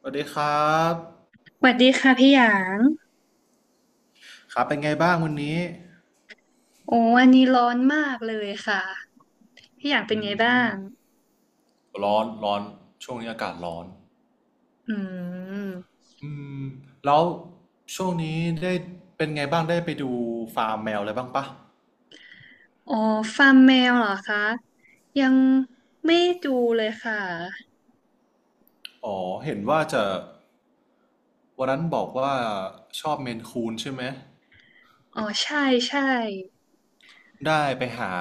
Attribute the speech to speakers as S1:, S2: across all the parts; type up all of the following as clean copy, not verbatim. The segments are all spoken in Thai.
S1: สวัสดีครับ
S2: สวัสดีค่ะพี่หยาง
S1: ครับเป็นไงบ้างวันนี้
S2: โอ้วันนี้ร้อนมากเลยค่ะ พี่หยางเป็น
S1: อื
S2: ไงบ้าง
S1: ม ร้อนช่วงนี้อากาศร้อน
S2: อืม
S1: อืม แล้วช่วงนี้ได้เป็นไงบ้างได้ไปดูฟาร์มแมวอะไรบ้างปะ
S2: อ๋อฟาร์มแมวเหรอคะ ยังไม่ดูเลยค่ะ
S1: อ๋อเห็นว่าจะวันนั้นบอกว่าชอบเมนคูนใช่ไหม
S2: อ๋อใช่ใช่
S1: ได้ไปหา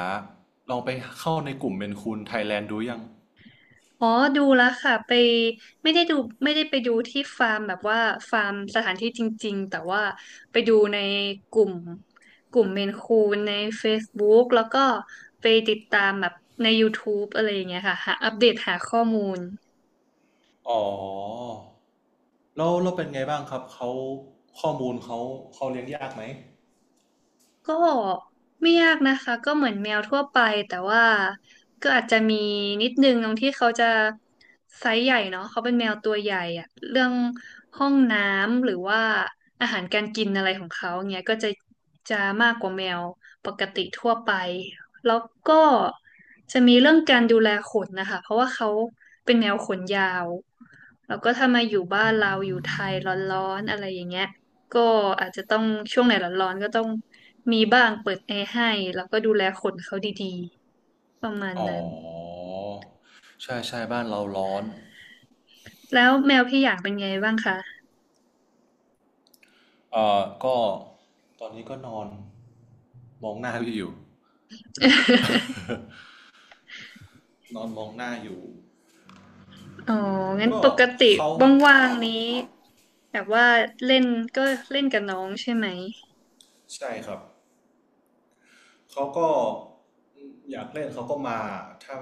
S1: ลองไปเข้าในกลุ่มเมนคูนไทยแลนด์ดูยัง
S2: อ๋อดูแล้วค่ะไปไม่ได้ดูไม่ได้ไปดูที่ฟาร์มแบบว่าฟาร์มสถานที่จริงๆแต่ว่าไปดูในกลุ่มกลุ่มเมนคูนใน Facebook แล้วก็ไปติดตามแบบใน YouTube อะไรอย่างเงี้ยค่ะหาอัปเดตหาข้อมูล
S1: อ๋อแล้วเราเป็นไงบ้างครับเขาข้อมูลเขาเขาเลี้ยงยากไหม
S2: ก็ไม่ยากนะคะก็เหมือนแมวทั่วไปแต่ว่าก็อาจจะมีนิดนึงตรงที่เขาจะไซส์ใหญ่เนาะเขาเป็นแมวตัวใหญ่อะเรื่องห้องน้ำหรือว่าอาหารการกินอะไรของเขาเงี้ยก็จะมากกว่าแมวปกติทั่วไปแล้วก็จะมีเรื่องการดูแลขนนะคะเพราะว่าเขาเป็นแมวขนยาวแล้วก็ถ้ามาอยู่บ้านเราอยู่ไทยร้อนๆอะไรอย่างเงี้ย ก็อาจจะต้องช่วงไหนร้อนๆก็ต้องมีบ้างเปิดแอร์ให้แล้วก็ดูแลขนเขาดีๆประมาณ
S1: อ๋อ
S2: นั้น
S1: ใช่ใช่บ้านเราร้อน
S2: แล้วแมวพี่อย่างเป็นไงบ้างคะ
S1: ก็ตอนนี้ก็นอนมองหน้าพี่อยู่ นอนมองหน้าอยู่
S2: อ๋องั้น
S1: ก็
S2: ปกติ
S1: เขา
S2: ว่างๆนี้แบบว่าเล่นก็เล่นกับน้องใช่ไหม
S1: ใช่ครับเขาก็อยากเล่นเขาก็มาถ้า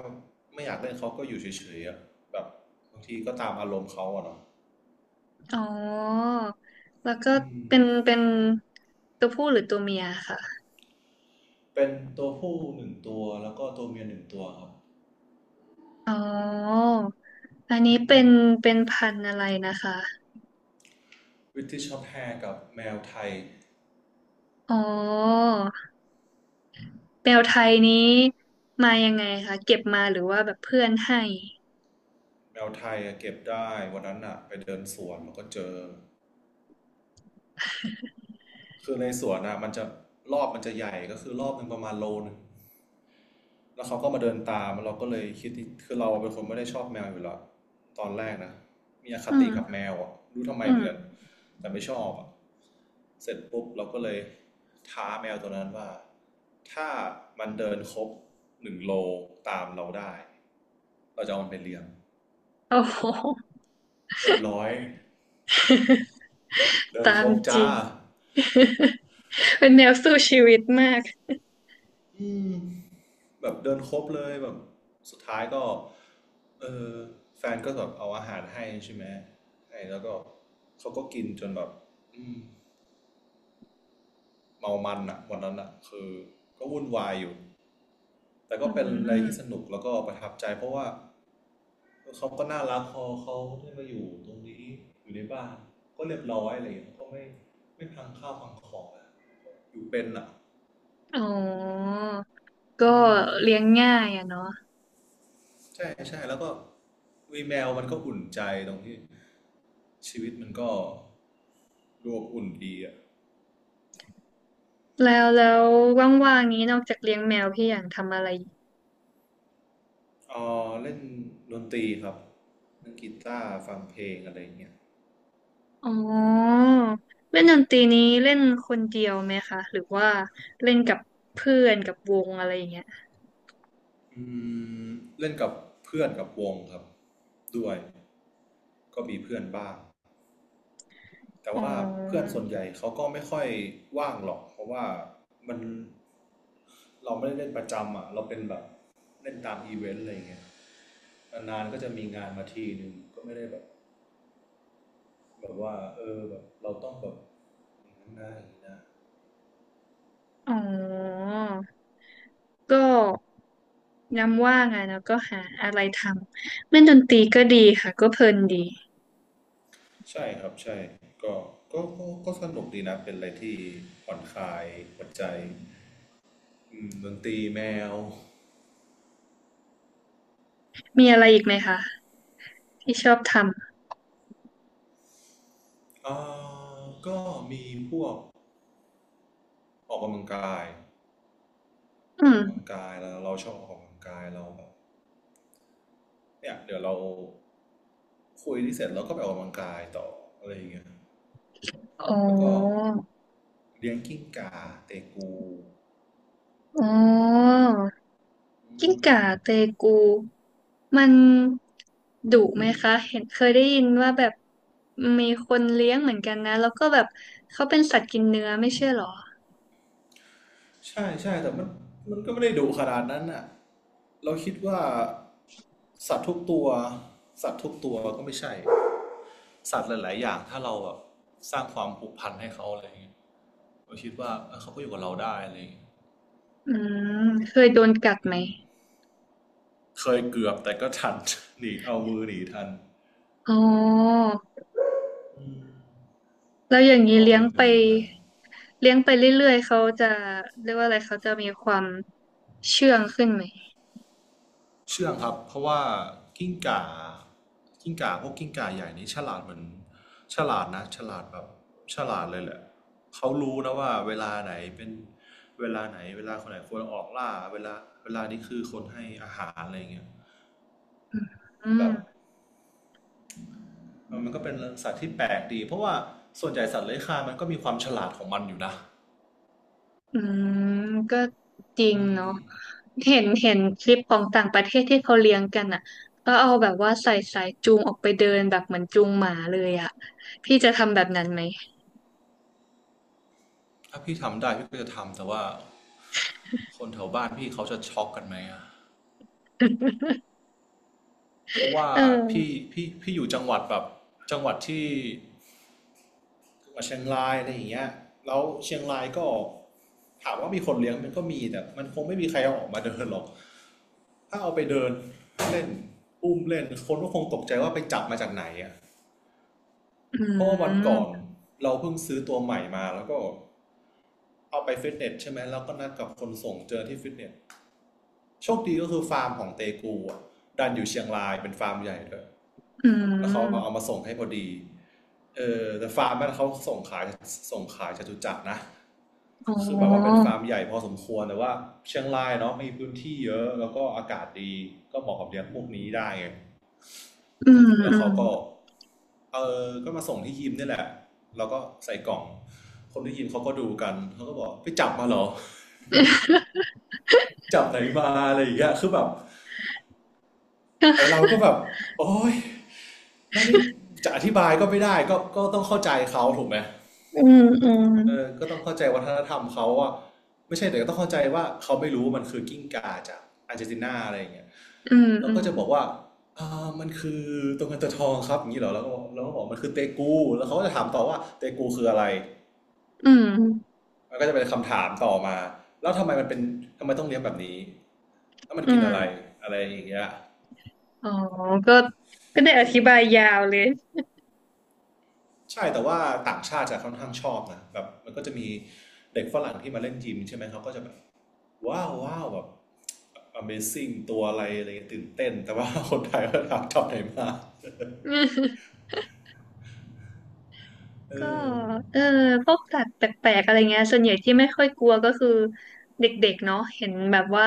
S1: ไม่อยากเล่นเขาก็อยู่เฉยๆอะแบบบางทีก็ตามอารมณ์เขาอะเนาะ
S2: อ๋อแล้วก็
S1: อืม
S2: เป็นตัวผู้หรือตัวเมียค่ะ
S1: เป็นตัวผู้หนึ่งตัวแล้วก็ตัวเมียหนึ่งตัวครับ
S2: อ๋ออันนี้
S1: อื
S2: เป็
S1: ม
S2: นเป็นพันธุ์อะไรนะคะ
S1: b r i t i s แ s h กับแมวไทย
S2: อ๋อ แมวไทยนี้มายังไงคะ เก็บมาหรือว่าแบบเพื่อนให้
S1: แมวไทยเก็บได้วันนั้นอะไปเดินสวนมันก็เจอคือในสวนอะมันจะรอบมันจะใหญ่ก็คือรอบหนึ่งประมาณโลนึงแล้วเขาก็มาเดินตามเราก็เลยคิดที่คือเราเป็นคนไม่ได้ชอบแมวอยู่แล้วตอนแรกนะมีอค
S2: อื
S1: ติ
S2: ม
S1: กับแมวอะรู้ทำไม
S2: อื
S1: เหมือนกัน
S2: ม
S1: แต่ไม่ชอบอะเสร็จปุ๊บเราก็เลยท้าแมวตัวนั้นว่าถ้ามันเดินครบ1 โลตามเราได้เราจะเอามันไปเลี้ยง
S2: โอ้โห
S1: เรียบร้อยเดิน
S2: ตา
S1: ค
S2: ม
S1: รบ
S2: จ
S1: จ้า
S2: ริง เป็นแมวสู้ชีวิตมาก
S1: อืม แบบเดินครบเลยแบบสุดท้ายก็เออแฟนก็แบบเอาอาหารให้ใช่ไหมให้แล้วก็เขาก็กินจนแบบอืมเมามันอะวันนั้นอะคือก็วุ่นวายอยู่แต่
S2: อื
S1: ก็เป็นอะไรที่ส
S2: ม
S1: นุกแล้วก็ประทับใจเพราะว่าเขาก็น่ารักพอเขาได้มาอยู่ตรงนี้อยู่ในบ้านก็เรียบร้อยอะไรอย่างเงี้ยก็ไม่พังข้าวพังของอะอยู่เป็นอะ
S2: อ๋อก็
S1: อืม
S2: เลี้ยงง่ายอะเนาะ
S1: ใช่ใช่แล้วก็วีแมวมันก็อุ่นใจตรงที่ชีวิตมันก็ดูอบอุ่นดีอ่ะ
S2: แล้วว่างๆนี้นอกจากเลี้ยงแมวพี่อย่างทำอะไรอีก
S1: เออเล่นดนตรีครับเล่นกีตาร์ฟังเพลงอะไรอย่างเงี้ย
S2: อ๋อเล่นดนตรีนี้เล่นคนเดียวไหมคะ หรือว่าเล่นกับเพื่อนกับวงอะไรอย่างเงี้ย
S1: อืมเล่นกับเพื่อนกับวงครับด้วยก็มีเพื่อนบ้างแต่
S2: อ๋
S1: ว่าเพื่อ
S2: อ
S1: นส่วนใหญ่เขาก็ไม่ค่อยว่างหรอกเพราะว่ามันเราไม่ได้เล่นประจำอ่ะเราเป็นแบบเล่นตามอีเวนต์อะไรอย่างเงี้ย นานๆก็จะมีงานมาทีหนึ่งก็ไม่ได้แบบแบบว่าเออแบบเราต้องแบบอย่างนั้นนะอย่างนี้นะ
S2: อ๋อ ก็ย้ำว่างอะแล้วก็หาอะไรทำเล่นดนตรีก็ดีค่ะก็เพลินดี
S1: ใช่ครับใช่ก็ก็สนุกดีนะเป็นอะไรที่ผ่อนคลายหัวใจอืมดนตรีแมว
S2: มีอะไรอีกไหมคะที่ชอบท
S1: อ่าก็มีพวกออกกำลังกาย
S2: ำ
S1: อ
S2: อื
S1: อ
S2: ม
S1: กกำลังกายแล้วเราชอบออกกำลังกายเราแบบเนี่ยเดี๋ยวเราคุยที่เสร็จเราก็ไปออกกำลังกายต่ออะไรอย่างเงี้ย
S2: อ๋อ
S1: แล้วก็เลี้ยงกิ้งก่าเตกู
S2: อ๋อ
S1: อื
S2: กิ้ง
S1: ม
S2: ก่าเตกูมันดุไหมคะเห็นเคยได้ยินว่าแบบมีคนเลี้ยงเหมือนกันนะแล้วก็แบบเขาเป็นสัตว์กินเนื้อไม่ใช่เหรอ
S1: ใช่ใช่แต่มันก็ไม่ได้ดุขนาดนั้นน่ะเราคิดว่าสัตว์ทุกตัวสัตว์ทุกตัวก็ไม่ใช่สัตว์หลายๆอย่างถ้าเราแบบสร้างความผูกพันให้เขาอะไรอย่างเงี้ยเราคิดว่าเอ้ยเขาก็อยู่กับเราได้อะไรอย่างเงี้ย
S2: อืมเคยโดนกัดไหม
S1: อืมเคยเกือบแต่ก็ทัน หนีเอามือหนีทัน
S2: อ๋อ
S1: อืม
S2: แล้วอย่าง
S1: ก็
S2: นี้
S1: เอา
S2: เลี้ยง
S1: มือ
S2: ไป
S1: หนีทัน
S2: เลี้ยงไปเรื่อยๆเขาจะเรียกว่าอะไรเขาจะมีความเชื่องขึ้นไหม
S1: เชื่องครับเพราะว่ากิ้งก่ากิ้งก่าพวกกิ้งก่าใหญ่นี้ฉลาดเหมือนฉลาดนะฉลาดแบบฉลาดเลยแหละเขารู้นะว่าเวลาไหนเป็นเวลาไหนเวลาคนไหนควรออกล่าเวลาเวลานี้คือคนให้อาหารอะไรเงี้ย
S2: อื
S1: แบบ
S2: ม
S1: มันก็เป็นสัตว์ที่แปลกดีเพราะว่าส่วนใหญ่สัตว์เลื้อยคลานมันก็มีความฉลาดของมันอยู่นะ
S2: อืม ก็จริงเนาะเห็นคลิปของต่างประเทศที่เขาเลี้ยงกันอ่ะก็เอาแบบว่าใส่สายจูงออกไปเดินแบบเหมือนจูงหมาเลยอ่ะพี่จะทำแบบนั้นไหม
S1: ถ้าพี่ทำได้พี่ก็จะทำแต่ว่าคนแถวบ้านพี่เขาจะช็อกกันไหมอะ เพราะว่า
S2: เ
S1: พี่
S2: ออ
S1: พี่พี่อยู่จังหวัดแบบจังหวัดที่ กับเชียงรายอะไรอย่างเงี้ยแล้วเชียงรายก็ถามว่ามีคนเลี้ยงมันก็มีแต่มันคงไม่มีใครเอาออกมาเดินหรอกถ้าเอาไปเดินเล่นอุ้มเล่นคนก็คงตกใจว่าไปจับมาจากไหนอ่ะ
S2: อื
S1: เพราะว่าวันก่อน
S2: ม
S1: เราเพิ่งซื้อตัวใหม่มาแล้วก็เอาไปฟิตเนสใช่ไหมแล้วก็นัดกับคนส่งเจอที่ฟิตเนสโชคดีก็คือฟาร์มของเตกูอ่ะดันอยู่เชียงรายเป็นฟาร์มใหญ่เลย
S2: อื
S1: แล้วเขาเอา
S2: ม
S1: มาส่งให้พอดีเออแต่ฟาร์มนั้นเขาส่งขายจตุจักรนะ
S2: อ๋
S1: คือแบบว่าเป็น
S2: อ
S1: ฟาร์มใหญ่พอสมควรแต่ว่าเชียงรายเนาะมีพื้นที่เยอะแล้วก็อากาศดีก็เหมาะกับเลี้ยงพวกนี้ได้ไง
S2: อืม
S1: แล้ว
S2: อื
S1: เขา
S2: ม
S1: ก็เออก็มาส่งที่ยิมนี่แหละแล้วก็ใส่กล่องคนที่ยิมเขาก็ดูกันเขาก็บอกไปจับมาเหรอจับไหนมาอะไรอย่างเงี้ยคือแบบไอเราก็แบบโอ๊ยไม่ได้จะอธิบายก็ไม่ได้ก็ต้องเข้าใจเขาถูกไหม
S2: อืม
S1: เออก็ต้องเข้าใจวัฒนธรรมเขาอะไม่ใช่แต่ก็ต้องเข้าใจว่าเขาไม่รู้ว่ามันคือกิ้งก่าจากอาร์เจนตินาอะไรอย่างเงี้ย
S2: อืม
S1: แล้ว
S2: อื
S1: ก็
S2: ม
S1: จะบอกว่าอ่ามันคือตัวเงินตัวทองครับอย่างนี้เหรอแล้วก็บอกมันคือเตกูแล้วเขาก็จะถามต่อว่าเตกูคืออะไร
S2: อืมอืม
S1: มันก็จะเป็นคำถามต่อมาแล้วทำไมมันเป็นทำไมต้องเลี้ยงแบบนี้แล้วมัน
S2: อื
S1: กินอะไร
S2: ม
S1: อะไรอย่างเงี้ย
S2: อ๋อก็ก็ได้อธิบายยาวเลย
S1: ใช่แต่ว่าต่างชาติจะค่อนข้างชอบนะแบบมันก็จะมีเด็กฝรั่งที่มาเล่นยิมใช่ไหมเขาก็จะแบบ ว้าวว้าวแบบ Amazing ตัวอะไรอะไรเงี้ยตื่นเต้น แต่ว่าคนไทยก็ถามจอบไหนมา เอ
S2: ก็
S1: อ
S2: เออพวกสัตว์แปลกๆอะไรเงี้ยส่วนใหญ่ที่ไม่ค่อยกลัวก็คือเด็กๆเนาะเห็นแบบว่า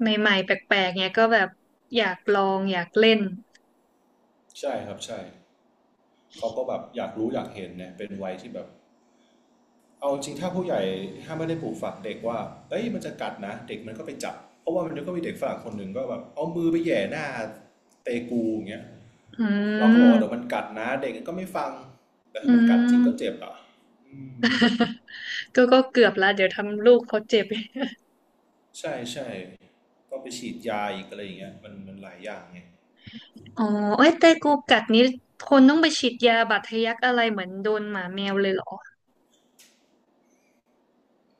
S2: ใหม่ๆแปลกๆเนี้ยก็แบบอยากลองอยากเล่น
S1: ใช่ครับใช่เขาก็แบบอยากรู้อยากเห็นเนี่ยเป็นวัยที่แบบเอาจริงถ้าผู้ใหญ่ถ้าไม่ได้ปลูกฝังเด็กว่าเอ้ยมันจะกัดนะเด็กมันก็ไปจับเพราะว่ามันก็มีเด็กฝรั่งคนหนึ่งก็แบบเอามือไปแหย่หน้าเตกูอย่างเงี้ย
S2: อื
S1: เราก็บอกว่าเดี๋ยวมัน
S2: ม
S1: กัดนะเด็กก็ไม่ฟังแต่
S2: อื
S1: ถ้ามันกัดจริงก็เจ็
S2: ม
S1: บอ่ะอืม
S2: ก็ก็เกือบละเดี๋ยวทำลูกเขาเจ็บ
S1: ใช่ใช่ก็ไปฉีดยาอีกอะไรอย่างเงี้ยมันหลายอย่างไง
S2: อ๋อเอ้ยแต่กูกัดนี้คนต้องไปฉีดยาบาดทะยักอะไรเหมือนโดนหมาแมวเลยเหรอ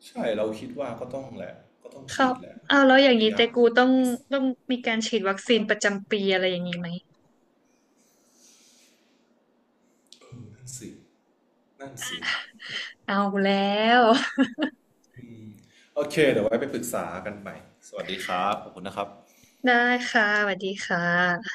S1: ใช่เราคิดว่าก็ต้องแหละก็ต้อง
S2: ค
S1: ฉี
S2: รั
S1: ด
S2: บ
S1: แหละ
S2: เอาวแล้ว
S1: บั
S2: อ
S1: ตร
S2: ย่าง
S1: ท
S2: นี้
S1: ยั
S2: แต่
S1: ก
S2: กูต้อง
S1: พิ
S2: ต้องมีการฉีดวัคซีนประจำปีอะไรอย่างนี้ไหม
S1: นั่นสินั่นสิ
S2: เอาแล้ว
S1: โอเคเดี๋ยวไว้ไปปรึกษากันใหม่สวัสดีครับขอบคุณนะครับ
S2: ได้ค่ะสวัสดีค่ะ